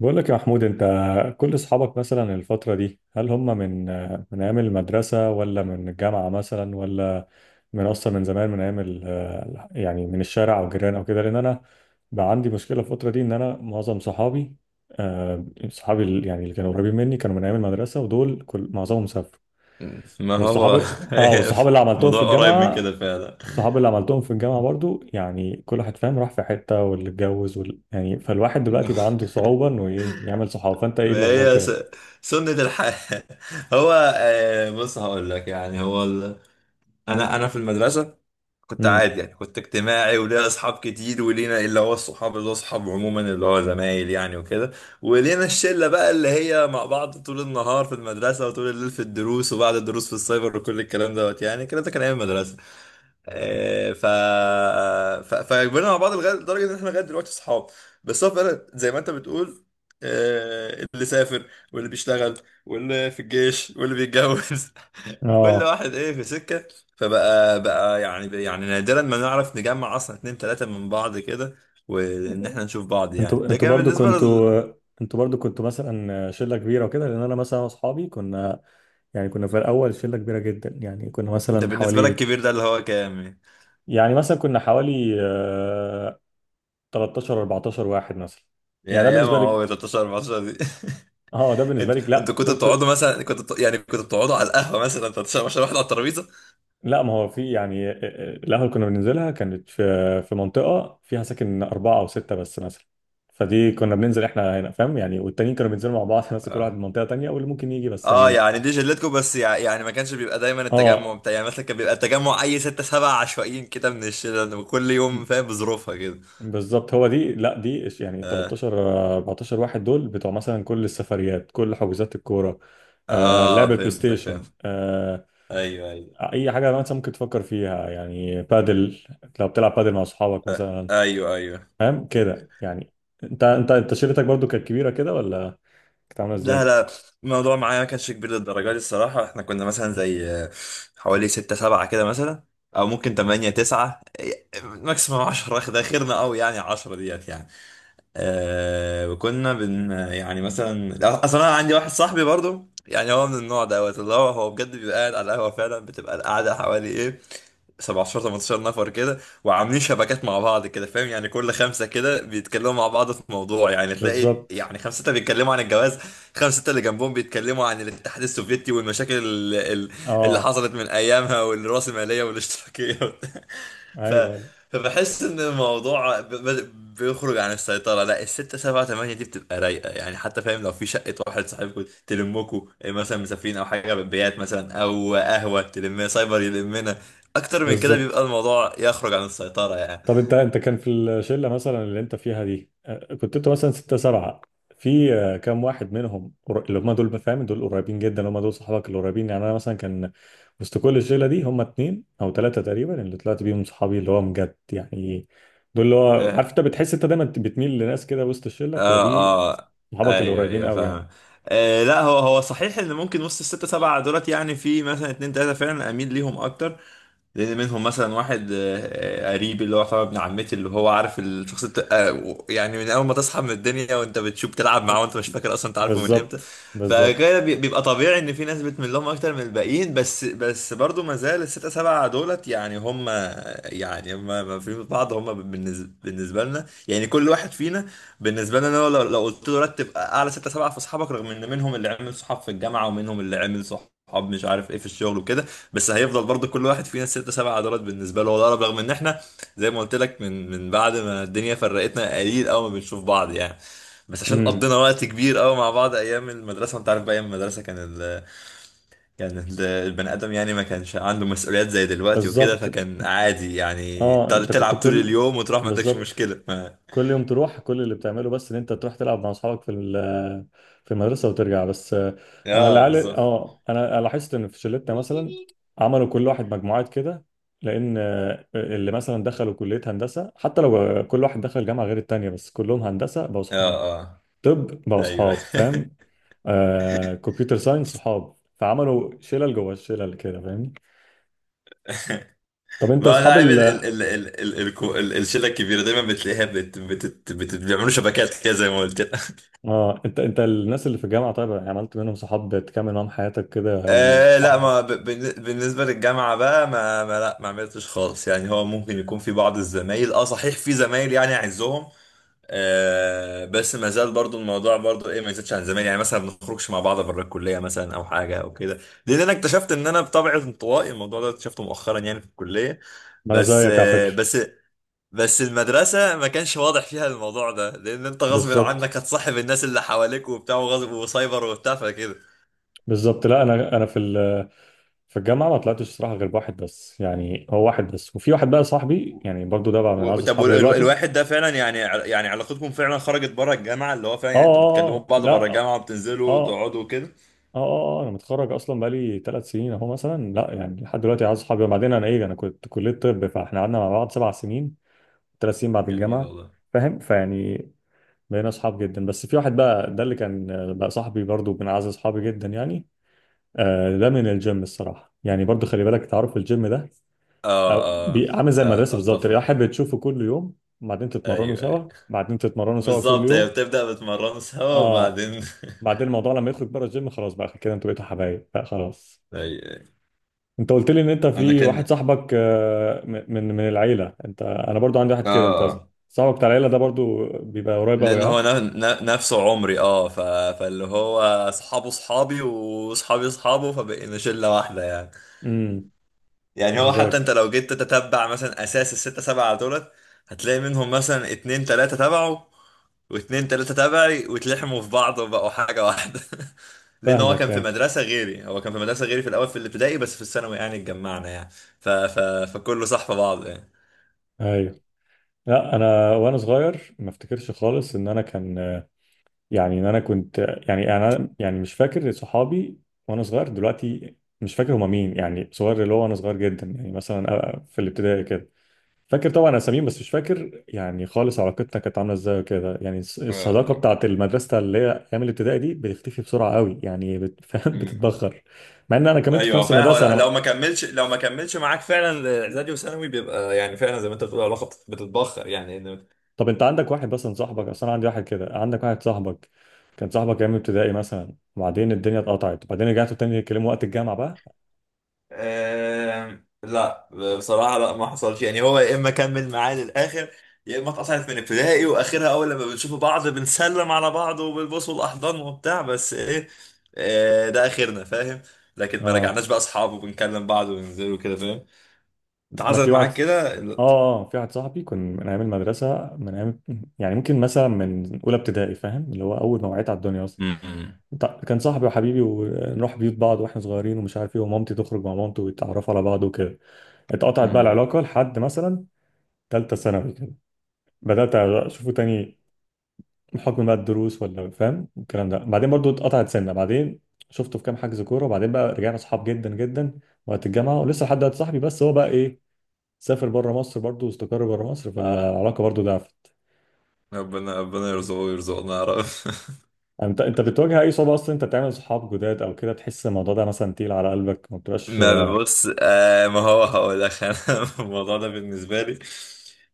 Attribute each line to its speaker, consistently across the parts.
Speaker 1: بقول لك يا محمود، انت كل اصحابك مثلا الفترة دي هل هم من ايام المدرسة ولا من الجامعة مثلا ولا من اصلا من زمان من ايام من الشارع او جيران او كده، لان انا بقى عندي مشكلة الفترة دي ان انا معظم صحابي آه، صحابي اللي كانوا قريبين مني كانوا من ايام المدرسة، ودول كل معظمهم سافروا.
Speaker 2: ما
Speaker 1: والصحاب
Speaker 2: هو
Speaker 1: اه
Speaker 2: هي
Speaker 1: والصحاب اللي عملتهم في
Speaker 2: الموضوع قريب من
Speaker 1: الجامعة،
Speaker 2: كده فعلا.
Speaker 1: الصحاب اللي عملتهم في الجامعة برضو يعني كل واحد فاهم راح في حتة، واللي اتجوز وال... يعني فالواحد دلوقتي بقى عنده صعوبة انه ايه يعمل صحاب. فانت ايه
Speaker 2: ما
Speaker 1: الاخبار
Speaker 2: هي
Speaker 1: كده؟
Speaker 2: سنة الحياة. هو آه، بص، هقول لك يعني، هو انا في المدرسة كنت
Speaker 1: امم.
Speaker 2: عادي، يعني كنت اجتماعي وليا اصحاب كتير، ولينا اللي هو الصحاب، اللي هو اصحاب عموما، اللي هو زمايل يعني وكده. ولينا الشلة بقى اللي هي مع بعض طول النهار في المدرسة، وطول الليل في الدروس، وبعد الدروس في السايبر، وكل الكلام دوت يعني، كده ده كان ايام المدرسة. آه، ف ف فكبرنا مع بعض لغايه، لدرجه ان احنا لغايه دلوقتي اصحاب. بس هو فعلا زي ما انت بتقول. اللي سافر، واللي بيشتغل، واللي في الجيش، واللي بيتجوز. كل
Speaker 1: اه.
Speaker 2: واحد ايه في سكه. فبقى يعني نادرا ما نعرف نجمع اصلا اتنين تلاته من بعض كده، وان احنا نشوف بعض يعني.
Speaker 1: انتوا
Speaker 2: ده
Speaker 1: انتوا
Speaker 2: كان
Speaker 1: برضو
Speaker 2: بالنسبه
Speaker 1: كنتوا انتوا برضو كنتوا مثلا شلة كبيرة وكده، لان انا مثلا واصحابي كنا في الاول شلة كبيرة جدا، يعني كنا
Speaker 2: انت
Speaker 1: مثلا
Speaker 2: بالنسبه لك
Speaker 1: حوالي،
Speaker 2: كبير ده اللي هو كام يعني؟
Speaker 1: يعني مثلا كنا حوالي 13 14 واحد مثلا.
Speaker 2: يا
Speaker 1: يعني ده
Speaker 2: يا ما
Speaker 1: بالنسبة لك.
Speaker 2: هو 13 14 دي.
Speaker 1: اه ده بالنسبه لك،
Speaker 2: انتوا
Speaker 1: لا
Speaker 2: كنتوا
Speaker 1: دول.
Speaker 2: بتقعدوا مثلا، يعني كنتوا بتقعدوا على القهوه مثلا 13 عشان واحد على الترابيزه؟
Speaker 1: لا، ما هو في يعني القهوة اللي كنا بننزلها كانت في منطقة فيها ساكن أربعة أو ستة بس مثلا، فدي كنا بننزل احنا هنا فاهم يعني، والتانيين كانوا بينزلوا مع بعض ناس، كل واحد من
Speaker 2: اه،
Speaker 1: منطقة تانية واللي ممكن يجي بس
Speaker 2: اه،
Speaker 1: يعني.
Speaker 2: يعني دي جلتكم، بس يعني ما كانش بيبقى دايما التجمع
Speaker 1: اه
Speaker 2: بتاع يعني، مثلا كان بيبقى التجمع اي ستة سبعة عشوائيين كده من الشله كل يوم فاهم، بظروفها كده.
Speaker 1: بالظبط، هو دي، لا دي
Speaker 2: اه،
Speaker 1: 13 14 واحد دول بتوع مثلا كل السفريات، كل حجوزات الكورة،
Speaker 2: اه،
Speaker 1: لعب البلاي
Speaker 2: فهمتك فاهم.
Speaker 1: ستيشن،
Speaker 2: ايوه، ايوه.
Speaker 1: أي حاجة مثلا ممكن تفكر فيها، يعني بادل، لو بتلعب بادل مع أصحابك
Speaker 2: آه،
Speaker 1: مثلا،
Speaker 2: ايوه، ايوه.
Speaker 1: فاهم كده يعني. انت شركتك برضو كانت كبيره كده ولا كانت عامله
Speaker 2: لا،
Speaker 1: ازاي؟
Speaker 2: لا، الموضوع معايا ما كانش كبير للدرجه دي الصراحه، احنا كنا مثلا زي حوالي ستة سبعة كده مثلا، او ممكن تمانية تسعة، ماكسيموم عشرة، ده خيرنا قوي يعني، عشرة ديت يعني. وكنا بن يعني مثلا اصلا انا عندي واحد صاحبي برضو يعني، هو من النوع دوت، اللي هو بجد بيبقى قاعد على القهوه فعلا، بتبقى القعده حوالي ايه 17 18 نفر كده، وعاملين شبكات مع بعض كده فاهم يعني. كل خمسه كده بيتكلموا مع بعض في موضوع يعني، تلاقي
Speaker 1: بالظبط.
Speaker 2: يعني خمسه سته بيتكلموا عن الجواز، خمسه سته اللي جنبهم بيتكلموا عن الاتحاد السوفيتي والمشاكل اللي
Speaker 1: اه.
Speaker 2: حصلت من ايامها، والرأسماليه والاشتراكيه. ف...
Speaker 1: ايوه ايوه.
Speaker 2: فبحس ان الموضوع بيخرج عن السيطرة. لا، الستة سبعة تمانية دي بتبقى رايقة يعني، حتى فاهم لو في شقة واحد صاحبكم تلمكوا، إيه مثلا، مسافرين او حاجة، بيات مثلا او قهوة تلمنا، سايبر يلمنا. اكتر من كده
Speaker 1: بالظبط.
Speaker 2: بيبقى الموضوع يخرج عن السيطرة يعني.
Speaker 1: طب انت كان في الشله مثلا اللي انت فيها دي كنت انت مثلا ستة سبعة، في كام واحد منهم اللي هم دول فاهم، دول قريبين جدا، هم دول صحابك القريبين؟ يعني انا مثلا كان وسط كل الشله دي هم اتنين او ثلاثه تقريبا اللي طلعت بيهم صحابي اللي هو بجد يعني، دول اللي هو عارف
Speaker 2: اه،
Speaker 1: انت بتحس انت دايما بتميل لناس كده وسط الشله بتبقى
Speaker 2: اه.
Speaker 1: دي
Speaker 2: آه.
Speaker 1: صحابك
Speaker 2: ايوه،
Speaker 1: القريبين
Speaker 2: ايوه،
Speaker 1: قوي يعني.
Speaker 2: فاهم. آه، لا، هو صحيح ان ممكن وسط الستة سبعة دولت يعني، في مثلا اتنين تلاتة فعلا اميل ليهم اكتر، لان منهم مثلا واحد قريب، اللي هو طبعا ابن عمتي، اللي هو عارف الشخص يعني من اول ما تصحى من الدنيا وانت بتشوف تلعب معاه، وانت مش فاكر اصلا انت عارفه من امتى.
Speaker 1: بالظبط بالظبط.
Speaker 2: بيبقى طبيعي ان في ناس بتميل لهم اكتر من الباقيين، بس برضو ما زال الستة سبعة دولت يعني هم، ما في بعض، هم بالنسبة لنا يعني كل واحد فينا. بالنسبة لنا لو قلت له رتب اعلى ستة سبعة في اصحابك، رغم ان منهم اللي عمل صحاب في الجامعة ومنهم اللي عمل صحاب مش عارف ايه في الشغل وكده، بس هيفضل برضو كل واحد فينا ست سبع عضلات بالنسبه له هو الأقرب، رغم ان احنا زي ما قلت لك من بعد ما الدنيا فرقتنا قليل قوي ما بنشوف بعض يعني، بس عشان
Speaker 1: امم.
Speaker 2: قضينا وقت كبير قوي مع بعض ايام المدرسه، وانت عارف بقى ايام المدرسه كان البني ادم يعني ما كانش عنده مسؤوليات زي دلوقتي وكده،
Speaker 1: بالظبط.
Speaker 2: فكان عادي يعني
Speaker 1: اه. انت كنت
Speaker 2: تلعب طول
Speaker 1: كل
Speaker 2: اليوم وتروح، ما عندكش
Speaker 1: بالظبط
Speaker 2: مشكله ما...
Speaker 1: كل يوم تروح، كل اللي بتعمله بس ان انت تروح تلعب مع اصحابك في في المدرسه وترجع بس. انا
Speaker 2: اه
Speaker 1: العيال
Speaker 2: بالظبط.
Speaker 1: اه انا أنا لاحظت ان في شلتنا مثلا عملوا كل واحد مجموعات كده، لان اللي مثلا دخلوا كليه هندسه حتى لو كل واحد دخل جامعه غير التانيه بس كلهم هندسه بقوا اصحاب.
Speaker 2: اه، اه،
Speaker 1: طب بقوا
Speaker 2: ايوه.
Speaker 1: اصحاب فاهم، كمبيوتر ساينس صحاب، فعملوا شلل جوه الشلل كده فاهمني؟ طب انت
Speaker 2: ما انا
Speaker 1: اصحاب
Speaker 2: عارف
Speaker 1: ال
Speaker 2: ال ال ال ال ال الكو- ال الشله الكبيره دايما بتلاقيها بت بت بت بيعملوا شبكات كده زي ما قلت لك.
Speaker 1: اه انت انت الناس اللي في الجامعه طيب، يعني عملت منهم صحاب تكمل معاهم حياتك كده، يعني
Speaker 2: آه، لا،
Speaker 1: صحاب؟
Speaker 2: ما ب- بالن- بالنسبه للجامعه بقى، ما, ما لا ما عملتش خالص يعني، هو ممكن يكون في بعض الزمايل، اه صحيح في زمايل يعني اعزهم. آه، بس ما زال برضو الموضوع برضو ايه، ما يزيدش عن زمان يعني، مثلا ما بنخرجش مع بعض بره الكليه مثلا، او حاجه او كده، لان انا اكتشفت ان انا بطبعي انطوائي. الموضوع ده اكتشفته مؤخرا يعني في الكليه،
Speaker 1: ما انا
Speaker 2: بس
Speaker 1: زيك على
Speaker 2: آه
Speaker 1: فكره.
Speaker 2: بس بس المدرسة ما كانش واضح فيها الموضوع ده، لأن أنت غصب
Speaker 1: بالظبط
Speaker 2: عنك هتصاحب الناس اللي حواليك وبتاع، وغصب وسايبر وبتاع فكده.
Speaker 1: بالظبط. لا انا في في الجامعه ما طلعتش الصراحه غير بواحد بس، يعني هو واحد بس، وفي واحد بقى صاحبي يعني برضو ده بقى من اعز اصحابي دلوقتي.
Speaker 2: الواحد ده فعلا يعني يعني علاقتكم فعلا خرجت بره الجامعة، اللي هو فعلا يعني انتوا بتكلموا
Speaker 1: اه اه اه. آه.
Speaker 2: بعض بره
Speaker 1: لا.
Speaker 2: الجامعة،
Speaker 1: اه.
Speaker 2: وبتنزلوا
Speaker 1: اه.
Speaker 2: وتقعدوا وكده.
Speaker 1: اه. آه. انا متخرج اصلا بقالي 3 سنين اهو مثلا، لا يعني لحد دلوقتي اعز اصحابي. وبعدين انا ايه، انا كنت كليه طب، فاحنا قعدنا مع بعض 7 سنين، 3 سنين بعد
Speaker 2: جميل
Speaker 1: الجامعه
Speaker 2: والله.
Speaker 1: فاهم فيعني، بقينا اصحاب جدا. بس في واحد بقى ده اللي كان بقى صاحبي برضو من اعز اصحابي جدا يعني. ده من الجيم الصراحه يعني، برضو خلي بالك تعرف الجيم ده
Speaker 2: آه،
Speaker 1: أو
Speaker 2: آه,
Speaker 1: عامل زي المدرسه
Speaker 2: آه،
Speaker 1: بالظبط، يعني
Speaker 2: أتفق.
Speaker 1: احب تشوفه كل يوم، بعدين تتمرنوا
Speaker 2: أيوه، أيوه.
Speaker 1: سوا، بعدين تتمرنوا سوا كل
Speaker 2: بالظبط، هي
Speaker 1: يوم.
Speaker 2: بتبدأ بتمرنوا سوا
Speaker 1: اه.
Speaker 2: وبعدين
Speaker 1: بعدين الموضوع لما يخرج بره الجيم خلاص، بقى كده انتوا بقيتوا حبايب بقى خلاص.
Speaker 2: أيوه، أيوه.
Speaker 1: انت قلت لي ان انت
Speaker 2: أنا
Speaker 1: في واحد
Speaker 2: كان.
Speaker 1: صاحبك من العيله، انت. انا برضو عندي واحد
Speaker 2: آه.
Speaker 1: كده، انت
Speaker 2: آه.
Speaker 1: صاحبك بتاع العيله ده برضو بيبقى قريب قوي
Speaker 2: لان هو
Speaker 1: ها؟
Speaker 2: نفسه عمري. اه، فاللي هو اصحابه اصحابي واصحابي اصحابه، فبقينا شله واحده يعني.
Speaker 1: امم.
Speaker 2: يعني
Speaker 1: انا
Speaker 2: هو، حتى انت
Speaker 1: زيك.
Speaker 2: لو جيت تتبع مثلا اساس الستة سبعة دولت، هتلاقي منهم مثلا اتنين تلاتة تبعه، واتنين تلاتة تبعي، واتلحموا في بعض وبقوا حاجة واحدة. لان هو كان
Speaker 1: فاهمك.
Speaker 2: في
Speaker 1: اي
Speaker 2: مدرسة غيري، في الاول في الابتدائي، بس في الثانوي يعني اتجمعنا يعني. ف... ف... فكله صح في بعض يعني.
Speaker 1: ايوه. لا انا وانا صغير ما افتكرش خالص ان انا كنت يعني انا يعني مش فاكر صحابي وانا صغير دلوقتي، مش فاكر هما مين، يعني صغير اللي هو وانا صغير جدا، يعني مثلا في الابتدائي كده. فاكر طبعا اساميهم بس مش فاكر يعني خالص علاقتنا كانت عامله ازاي وكده، يعني الصداقه
Speaker 2: آه.
Speaker 1: بتاعت المدرسه اللي هي ايام الابتدائي دي بتختفي بسرعه قوي يعني، فاهم
Speaker 2: مم.
Speaker 1: بتتبخر، مع ان انا كملت في
Speaker 2: ايوه،
Speaker 1: نفس
Speaker 2: فاهم. هو
Speaker 1: المدرسه
Speaker 2: لو
Speaker 1: انا.
Speaker 2: ما كملش، معاك فعلا اعدادي وثانوي، بيبقى يعني فعلا زي ما انت بتقول، العلاقه بتتبخر يعني
Speaker 1: طب انت عندك واحد مثلا صاحبك، اصل انا عندي واحد كده، عندك واحد صاحبك كان صاحبك ايام ابتدائي مثلا، وبعدين الدنيا اتقطعت، وبعدين رجعتوا تاني يتكلموا وقت الجامعه بقى؟
Speaker 2: لا، بصراحه لا ما حصلش يعني، هو يا اما كمل معاه للاخر، يا اما اتقطعت من ابتدائي، واخرها اول لما بنشوف بعض بنسلم على بعض وبالبوس والاحضان وبتاع بس ايه، ده اخرنا فاهم. لكن ما
Speaker 1: اه.
Speaker 2: رجعناش بقى اصحاب وبنكلم بعض وننزل وكده فاهم. انت
Speaker 1: انا في
Speaker 2: حصلت
Speaker 1: واحد
Speaker 2: معاك كده؟
Speaker 1: اه اه في واحد صاحبي كان من ايام المدرسه، من ايام يعني ممكن مثلا من اولى ابتدائي فاهم، اللي هو اول ما وعيت على الدنيا اصلا.
Speaker 2: امم.
Speaker 1: كان صاحبي وحبيبي، ونروح بيوت بعض واحنا صغيرين، ومش عارف ايه، ومامتي تخرج مع مامته ويتعرفوا على بعض وكده. اتقطعت بقى
Speaker 2: امم.
Speaker 1: العلاقه لحد مثلا ثالثه ثانوي كده، بدات اشوفه تاني بحكم بقى الدروس ولا فاهم الكلام ده، بعدين برضو اتقطعت سنه، بعدين شفته في كام حجز كوره، وبعدين بقى رجعنا اصحاب جدا جدا وقت الجامعه، ولسه لحد دلوقتي صاحبي، بس هو بقى ايه، سافر بره مصر برضو واستقر بره مصر، فالعلاقه برضو ضعفت.
Speaker 2: ربنا يرزقه ويرزقنا يا رب.
Speaker 1: يعني انت بتواجه اي صعوبه اصلا انت تعمل صحاب جداد او كده، تحس الموضوع ده مثلا تقيل على قلبك ما بتبقاش؟
Speaker 2: ما بص، ما هو هقول لك انا الموضوع ده بالنسبه لي،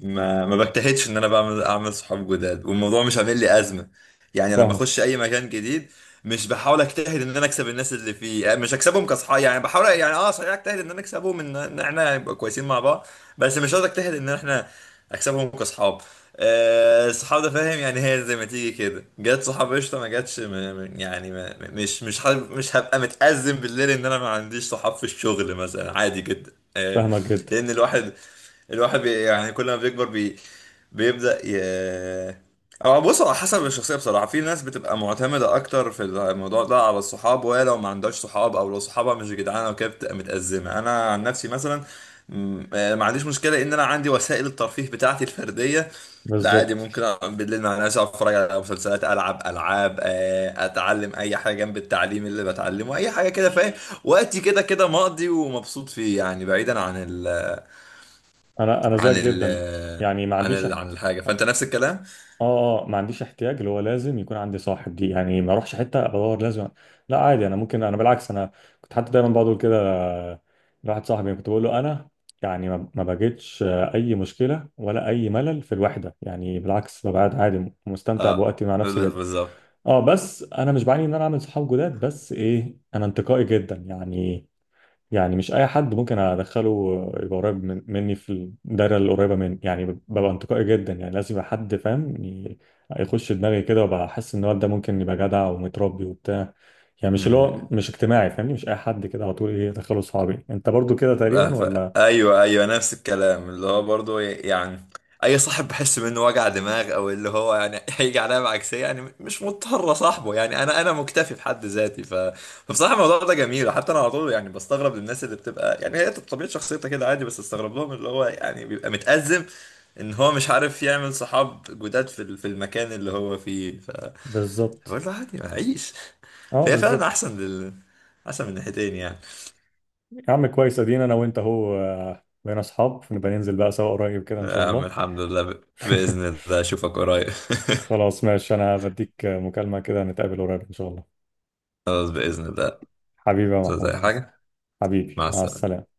Speaker 2: ما بجتهدش ان انا اعمل صحاب جداد، والموضوع مش عامل لي ازمه. يعني لما
Speaker 1: فاهمك.
Speaker 2: اخش اي مكان جديد، مش بحاول اجتهد ان انا اكسب الناس اللي فيه يعني، مش اكسبهم كصحاب يعني، بحاول يعني اه صحيح اجتهد ان انا اكسبهم، ان احنا نبقى كويسين مع بعض، بس مش قصدي اجتهد ان احنا اكسبهم كصحاب. الصحاب ده فاهم يعني، هي زي ما تيجي كده، جت صحاب قشطه، ما جاتش، ما- ما- يعني ما مش مش حابب- مش هبقى متأزم بالليل ان انا ما عنديش صحاب في الشغل مثلا، عادي جدا
Speaker 1: فاهمك جدا.
Speaker 2: لان الواحد، بي يعني كل ما بيكبر بي بيبدأ ي أو بص، على حسب الشخصية بصراحة، في ناس بتبقى معتمدة أكتر في الموضوع ده على الصحاب، وهي لو ما عندهاش صحاب أو لو صحابها مش جدعانة وكده بتبقى متأزمة. أنا عن نفسي مثلا ما عنديش مشكلة إن أنا عندي وسائل الترفيه بتاعتي الفردية. لا، عادي
Speaker 1: بالظبط.
Speaker 2: ممكن أقعد بالليل مع ناس، أقعد اتفرج على مسلسلات، العب العاب، اتعلم اي حاجه جنب التعليم اللي بتعلمه، اي حاجه كده فاهم، وقتي كده كده مقضي ومبسوط فيه يعني، بعيدا عن ال
Speaker 1: انا
Speaker 2: عن
Speaker 1: زيك
Speaker 2: ال
Speaker 1: جدا، يعني ما
Speaker 2: عن
Speaker 1: عنديش
Speaker 2: ال عن
Speaker 1: احت...
Speaker 2: الحاجة، فأنت نفس الكلام.
Speaker 1: اه اه ما عنديش احتياج اللي هو لازم يكون عندي صاحب دي، يعني ما اروحش حته بدور لازم، لا عادي. انا ممكن، انا بالعكس، انا كنت حتى دايما بقول كده لواحد صاحبي، كنت بقول له انا يعني ما بجدش اي مشكله ولا اي ملل في الوحده، يعني بالعكس ببقى قاعد عادي مستمتع
Speaker 2: اه،
Speaker 1: بوقتي مع نفسي جدا.
Speaker 2: بالظبط.
Speaker 1: اه. بس انا مش بعاني ان انا اعمل صحاب جداد، بس ايه، انا انتقائي جدا يعني، يعني مش اي حد ممكن ادخله يبقى قريب مني في الدايره اللي قريبه مني، يعني ببقى انتقائي جدا يعني، لازم يبقى حد فاهم يخش دماغي كده، وابقى احس ان الواد ده ممكن يبقى جدع ومتربي وبتاع، يعني مش اللي
Speaker 2: مم.
Speaker 1: هو مش اجتماعي فاهمني، مش اي حد كده على طول ايه ادخله صحابي. انت برضو كده
Speaker 2: آه،
Speaker 1: تقريبا
Speaker 2: ف...
Speaker 1: ولا؟
Speaker 2: ايوه، ايوه، نفس الكلام، اللي هو برضو يعني اي صاحب بحس منه وجع دماغ، او اللي هو يعني هيجي عليا بعكسيه، يعني مش مضطر صاحبه، يعني انا مكتفي بحد ذاتي. فبصراحه الموضوع ده جميل، حتى انا على طول يعني بستغرب للناس اللي بتبقى يعني هي طبيعه شخصيتها كده عادي، بس استغرب لهم اللي هو يعني بيبقى متأزم، ان هو مش عارف يعمل صحاب جداد في في المكان اللي هو فيه.
Speaker 1: بالظبط.
Speaker 2: بقول له عادي هعيش،
Speaker 1: اه.
Speaker 2: فهي فعلا
Speaker 1: بالظبط.
Speaker 2: احسن احسن من ناحيتين يعني.
Speaker 1: يا عم كويس، ادينا انا وانت اهو بقينا اصحاب، نبقى ننزل بقى سوا قريب كده ان شاء
Speaker 2: يا عم
Speaker 1: الله.
Speaker 2: الحمد لله، باذن الله اشوفك قريب.
Speaker 1: خلاص ماشي، انا بديك مكالمه كده، نتقابل قريب ان شاء الله.
Speaker 2: خلاص باذن الله،
Speaker 1: حبيبي يا
Speaker 2: زي
Speaker 1: محمود.
Speaker 2: حاجه،
Speaker 1: حبيبي،
Speaker 2: مع
Speaker 1: مع
Speaker 2: السلامه.
Speaker 1: السلامة.